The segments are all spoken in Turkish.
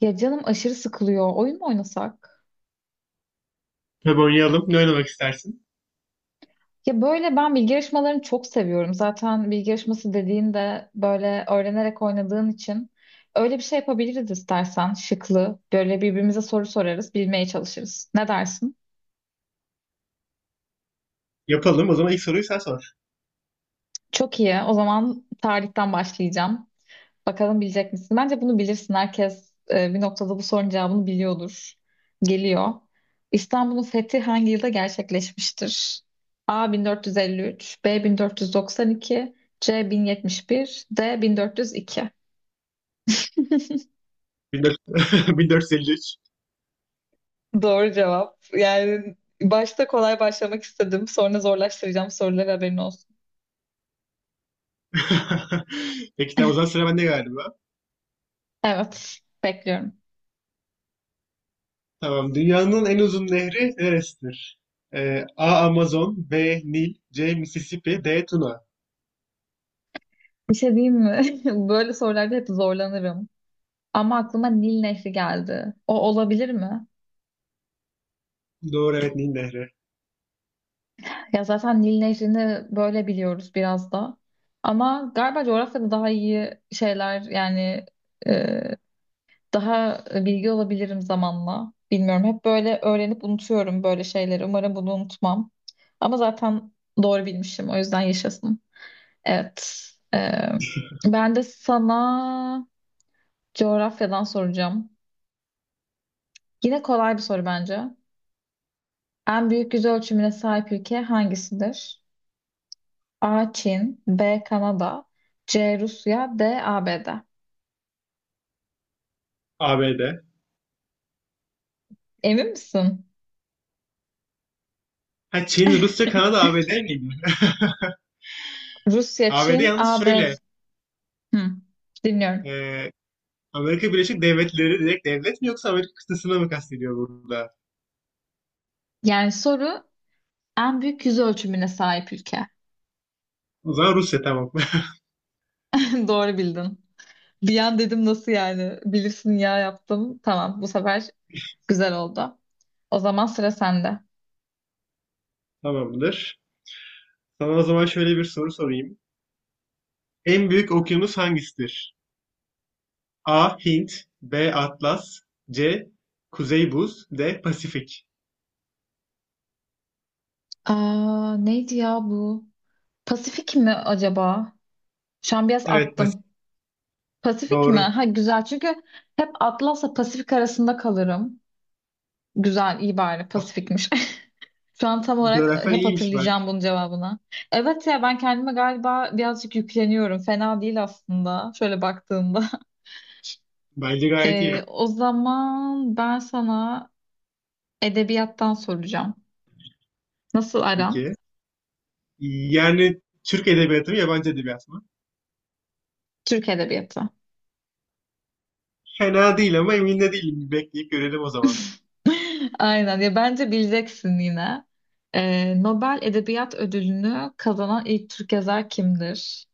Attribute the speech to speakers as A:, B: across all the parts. A: Ya canım aşırı sıkılıyor. Oyun mu oynasak?
B: Tabii oynayalım. Ne oynamak istersin?
A: Ya böyle ben bilgi yarışmalarını çok seviyorum. Zaten bilgi yarışması dediğinde böyle öğrenerek oynadığın için öyle bir şey yapabiliriz istersen. Şıklı. Böyle birbirimize soru sorarız, bilmeye çalışırız. Ne dersin?
B: Yapalım. O zaman ilk soruyu sen sor.
A: Çok iyi. O zaman tarihten başlayacağım. Bakalım bilecek misin? Bence bunu bilirsin. Herkes bir noktada bu sorunun cevabını biliyordur. Geliyor. İstanbul'un fethi hangi yılda gerçekleşmiştir? A 1453, B 1492, C 1071, D 1402.
B: 14 1453.
A: Doğru cevap. Yani başta kolay başlamak istedim. Sonra zorlaştıracağım soruları haberin olsun.
B: Peki, tamam, o zaman sıra bende galiba.
A: Evet, bekliyorum.
B: Tamam. Dünyanın en uzun nehri neresidir? A. Amazon, B. Nil, C. Mississippi, D. Tuna.
A: Bir şey diyeyim mi? Böyle sorularda hep zorlanırım. Ama aklıma Nil Nehri geldi. O olabilir mi?
B: Doğru, evet, Nil Nehri.
A: Ya zaten Nil Nehri'ni böyle biliyoruz biraz da. Ama galiba coğrafyada daha iyi şeyler yani e, daha bilgi olabilirim zamanla. Bilmiyorum. Hep böyle öğrenip unutuyorum böyle şeyleri. Umarım bunu unutmam. Ama zaten doğru bilmişim. O yüzden yaşasın. Evet. E, ben de sana coğrafyadan soracağım. Yine kolay bir soru bence. En büyük yüz ölçümüne sahip ülke hangisidir? A. Çin, B. Kanada, C. Rusya, D. ABD.
B: ABD.
A: Emin misin?
B: Ha, Çin, Rusya, Kanada, ABD miydi?
A: Rusya,
B: ABD,
A: Çin,
B: yalnız şöyle.
A: ABD. Hı,
B: e,
A: dinliyorum.
B: Amerika Birleşik Devletleri direkt devlet mi, yoksa Amerika kıtasını mı kastediyor burada?
A: Yani soru en büyük yüz ölçümüne sahip ülke.
B: O zaman Rusya, tamam.
A: Doğru bildin. Bir an dedim nasıl yani? Bilirsin ya yaptım. Tamam, bu sefer güzel oldu. O zaman sıra sende.
B: Tamamdır. Sana o zaman şöyle bir soru sorayım. En büyük okyanus hangisidir? A. Hint, B. Atlas, C. Kuzey Buz, D. Pasifik.
A: Aa, neydi ya bu? Pasifik mi acaba? Şu an biraz
B: Evet, Pasifik
A: attım. Pasifik mi?
B: doğru.
A: Ha güzel çünkü hep Atlas'la Pasifik arasında kalırım. Güzel, iyi bari. Pasifikmiş. Şu an tam olarak
B: Coğrafyan
A: hep
B: iyiymiş bak.
A: hatırlayacağım bunun cevabını. Evet ya ben kendime galiba birazcık yükleniyorum. Fena değil aslında. Şöyle baktığımda.
B: Bence gayet iyi.
A: O zaman ben sana edebiyattan soracağım. Nasıl aran?
B: Peki. Yani Türk edebiyatı mı, yabancı edebiyat mı?
A: Türk edebiyatı.
B: Fena değil ama emin de değilim. Bir bekleyip görelim o zaman.
A: Aynen ya bence bileceksin yine. Nobel Edebiyat Ödülünü kazanan ilk Türk yazar kimdir?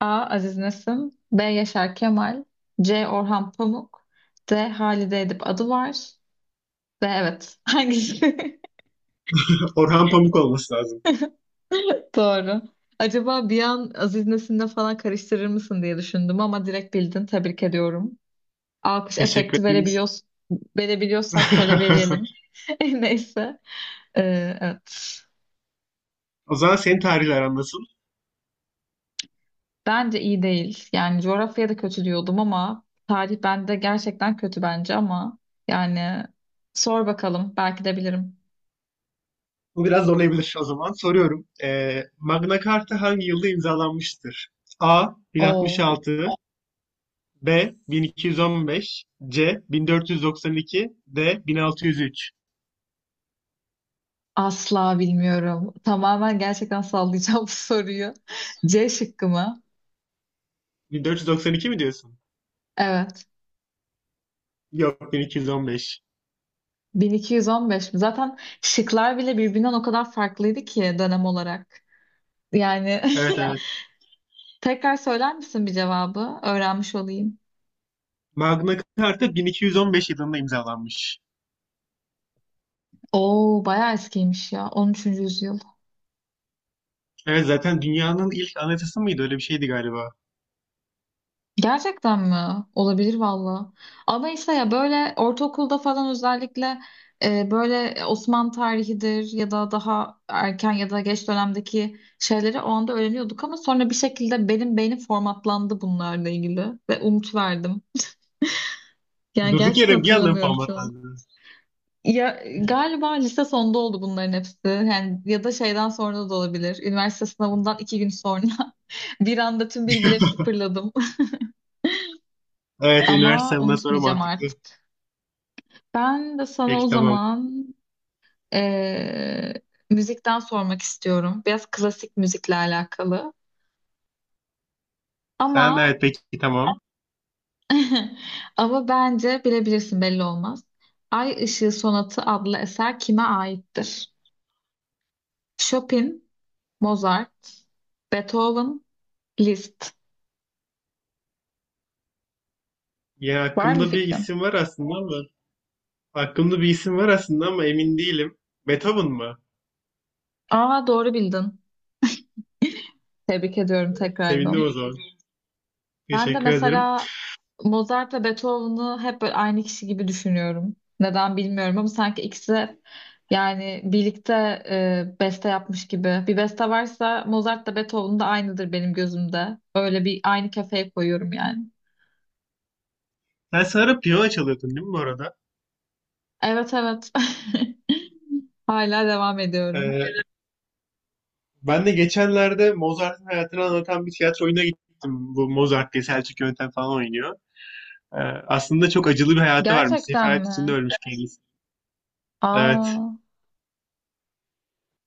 A: A. Aziz Nesin, B. Yaşar Kemal, C. Orhan Pamuk, D. Halide Edip Adıvar. D. Evet. Hangisi?
B: Orhan Pamuk olması lazım.
A: Doğru. Acaba bir an Aziz Nesin'le falan karıştırır mısın diye düşündüm ama direkt bildin. Tebrik ediyorum. Alkış
B: Teşekkür
A: efekti
B: ederim.
A: verebiliyoruz, verebiliyorsak şöyle verelim. Neyse. Evet.
B: O zaman senin tarihle aran nasıl?
A: Bence iyi değil. Yani coğrafya da kötü diyordum ama tarih bende gerçekten kötü bence ama yani sor bakalım. Belki de bilirim.
B: Bu biraz zorlayabilir o zaman. Soruyorum. Magna Carta hangi yılda imzalanmıştır? A.
A: O
B: 1066, B. 1215, C. 1492, D. 1603.
A: asla bilmiyorum. Tamamen gerçekten sallayacağım bu soruyu. C şıkkı mı?
B: 1492 mi diyorsun?
A: Evet.
B: Yok, 1215.
A: 1215 mi? Zaten şıklar bile birbirinden o kadar farklıydı ki dönem olarak. Yani
B: Evet. Ya, evet.
A: tekrar söyler misin bir cevabı? Öğrenmiş olayım.
B: Magna Carta 1215 yılında imzalanmış.
A: Oo bayağı eskiymiş ya. 13. yüzyıl.
B: Evet, zaten dünyanın ilk anayasası mıydı? Öyle bir şeydi galiba.
A: Gerçekten mi? Olabilir valla. Ama işte ya böyle ortaokulda falan özellikle böyle Osmanlı tarihidir ya da daha erken ya da geç dönemdeki şeyleri o anda öğreniyorduk ama sonra bir şekilde benim beynim formatlandı bunlarla ilgili ve unutuverdim. Yani
B: Durduk
A: gerçekten
B: yere bir anda
A: hatırlamıyorum çoğunu.
B: formatlandı.
A: Ya galiba lise sonunda oldu bunların hepsi. Yani ya da şeyden sonra da olabilir. Üniversite sınavından iki gün sonra bir anda tüm bilgileri sıfırladım.
B: Evet,
A: Ama
B: üniversite bundan sonra
A: unutmayacağım
B: mantıklı.
A: artık. Ben de sana o
B: Peki, tamam.
A: zaman eee, müzikten sormak istiyorum. Biraz klasik müzikle alakalı.
B: Sen,
A: Ama
B: evet, peki, tamam.
A: ama bence bilebilirsin, belli olmaz. Ay Işığı Sonatı adlı eser kime aittir? Chopin, Mozart, Beethoven, Liszt.
B: Ya,
A: Var mı
B: aklımda bir
A: fikrin?
B: isim var aslında ama emin değilim. Beethoven mı?
A: Aa doğru bildin. Tebrik ediyorum
B: Sevindim o
A: tekrardan.
B: zaman.
A: Ben de
B: Teşekkür ederim.
A: mesela Mozart'la Beethoven'ı hep böyle aynı kişi gibi düşünüyorum. Neden bilmiyorum ama sanki ikisi de yani birlikte beste yapmış gibi. Bir beste varsa Mozart da Beethoven da aynıdır benim gözümde. Öyle bir aynı kefeye koyuyorum yani.
B: Sen sarı piyano çalıyordun değil mi bu arada?
A: Evet evet. Hala devam ediyorum.
B: Ee, ben de geçenlerde Mozart'ın hayatını anlatan bir tiyatro oyununa gittim. Bu Mozart diye Selçuk Yöntem falan oynuyor. Ee, aslında çok acılı bir hayatı varmış.
A: Gerçekten
B: Sefalet içinde
A: mi?
B: ölmüş kendisi. Evet.
A: Aa,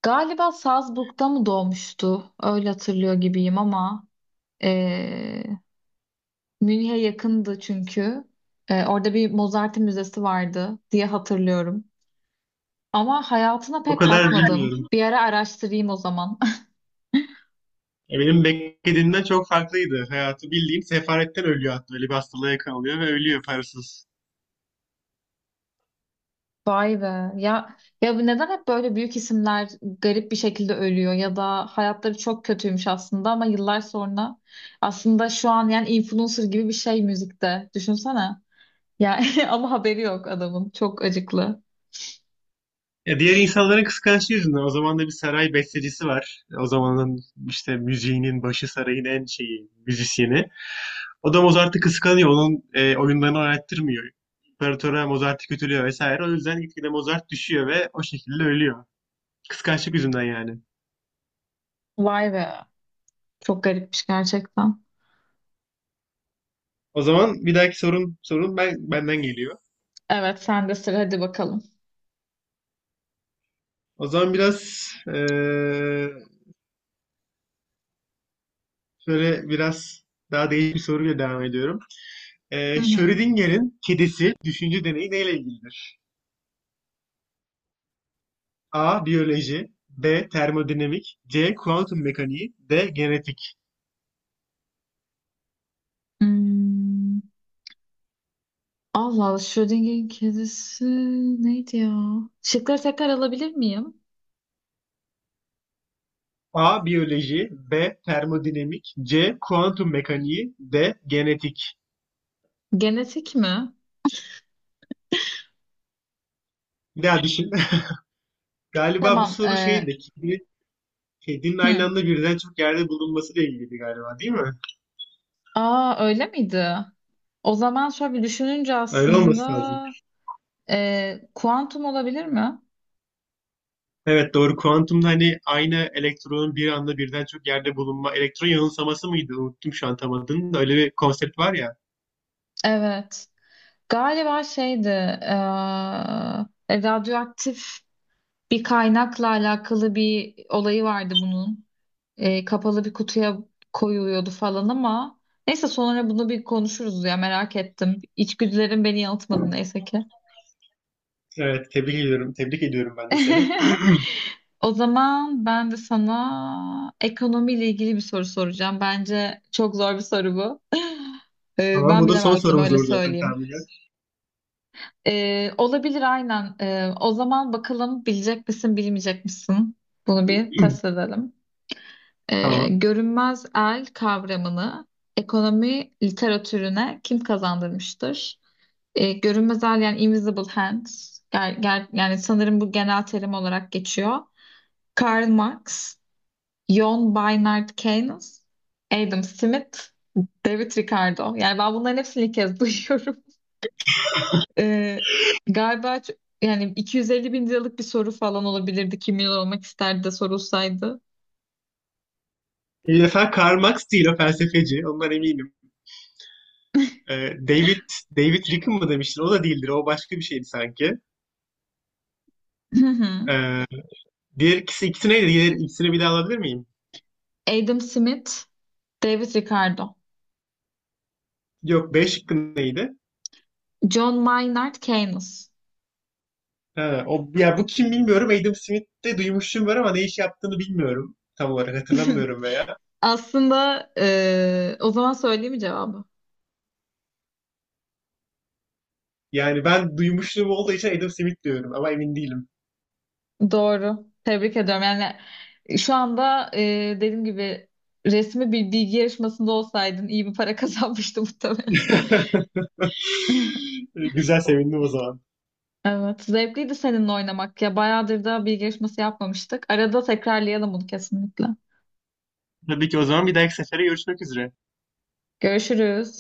A: galiba Salzburg'da mı doğmuştu? Öyle hatırlıyor gibiyim ama. e, Münih'e yakındı çünkü. Orada bir Mozart müzesi vardı diye hatırlıyorum. Ama hayatına
B: O
A: pek
B: kadar
A: bakmadım.
B: bilmiyorum.
A: Bir ara araştırayım o zaman.
B: Benim beklediğimden çok farklıydı hayatı. Bildiğin sefaletten ölüyor hatta. Öyle bir hastalığa yakalanıyor ve ölüyor parasız.
A: Vay be. Ya ya neden hep böyle büyük isimler garip bir şekilde ölüyor ya da hayatları çok kötüymüş aslında ama yıllar sonra aslında şu an yani influencer gibi bir şey müzikte. Düşünsene. Ya ama haberi yok adamın. Çok acıklı.
B: Ya, diğer insanların kıskançlığı yüzünden. O zaman da bir saray bestecisi var. O zamanın işte müziğinin başı, sarayın en şeyi, müzisyeni. O da Mozart'ı kıskanıyor. Onun oyunlarını oynattırmıyor. İmparatora Mozart'ı kötülüyor vesaire. O yüzden gitgide Mozart düşüyor ve o şekilde ölüyor. Kıskançlık yüzünden yani.
A: Vay be. Çok garipmiş gerçekten.
B: O zaman bir dahaki sorun benden geliyor.
A: Evet, sen de sıra hadi bakalım.
B: O zaman biraz e, şöyle biraz daha değişik bir soruyla devam ediyorum.
A: Hı hı.
B: Schrödinger'in kedisi düşünce deneyi neyle ilgilidir? A. Biyoloji, B. Termodinamik, C. Kuantum mekaniği, D. Genetik.
A: Hmm, Allah Allah Schrödinger'in kedisi neydi ya? Şıkları tekrar alabilir miyim?
B: A. Biyoloji, B. Termodinamik, C. Kuantum mekaniği, D. Genetik.
A: Genetik mi?
B: Bir daha düşün. Galiba bu
A: Tamam.
B: soru
A: E,
B: şeydi. Kedinin aynı
A: hı.
B: anda birden çok yerde bulunmasıyla ilgiliydi galiba, değil mi?
A: Aa öyle miydi? O zaman şöyle bir düşününce
B: Öyle
A: aslında
B: olması lazım.
A: kuantum olabilir mi?
B: Evet, doğru. Kuantumda hani aynı elektronun bir anda birden çok yerde bulunma. Elektron yanılsaması mıydı? Unuttum şu an tam adını da. Öyle bir konsept var ya.
A: Evet. Galiba şeydi, radyoaktif bir kaynakla alakalı bir olayı vardı bunun. Kapalı bir kutuya koyuluyordu falan ama neyse sonra bunu bir konuşuruz ya, merak ettim. İçgüdülerim beni yanıltmadı neyse ki.
B: Evet, tebrik ediyorum. Tebrik ediyorum ben de seni.
A: O zaman ben de sana ekonomiyle ilgili bir soru soracağım. Bence çok zor bir soru bu. Ee,
B: Tamam,
A: ben
B: bu da son
A: bilemezdim
B: sorumuz
A: öyle
B: olur zaten
A: söyleyeyim.
B: tahminen.
A: Olabilir aynen. O zaman bakalım bilecek misin bilmeyecek misin? Bunu bir test edelim. Ee,
B: Tamam.
A: görünmez el kavramını ekonomi literatürüne kim kazandırmıştır? Görünmez el yani invisible hands. Yani sanırım bu genel terim olarak geçiyor. Karl Marx, John Maynard Keynes, Adam Smith, David Ricardo. Yani ben bunların hepsini ilk kez duyuyorum. Ee, galiba yani 250 bin liralık bir soru falan olabilirdi. Kim milyon olmak isterdi de sorulsaydı.
B: Bir defa Karl Marx değil, o felsefeci. Ondan eminim. Ee, David David Rick'in mı demiştin? O da değildir. O başka bir şeydi sanki. Ee, diğer ikisi neydi? Diğer ikisini bir daha alabilir miyim?
A: Adam Smith, David Ricardo,
B: Yok, B şıkkı neydi?
A: John Maynard Keynes.
B: Ha, o, ya, bu kim bilmiyorum. Adam Smith'te duymuşluğum var ama ne iş yaptığını bilmiyorum. Tam olarak hatırlamıyorum veya.
A: Aslında o zaman söyleyeyim mi cevabı?
B: Yani ben duymuşluğum olduğu için Adam Smith diyorum ama emin değilim.
A: Doğru. Tebrik ediyorum. Yani şu anda dediğim gibi resmi bir bilgi yarışmasında olsaydın iyi bir para kazanmıştı muhtemelen.
B: Güzel, sevindim o zaman.
A: Evet. Zevkliydi seninle oynamak. Ya bayağıdır da bilgi yarışması yapmamıştık. Arada tekrarlayalım bunu kesinlikle.
B: Tabii ki o zaman bir dahaki sefere görüşmek üzere.
A: Görüşürüz.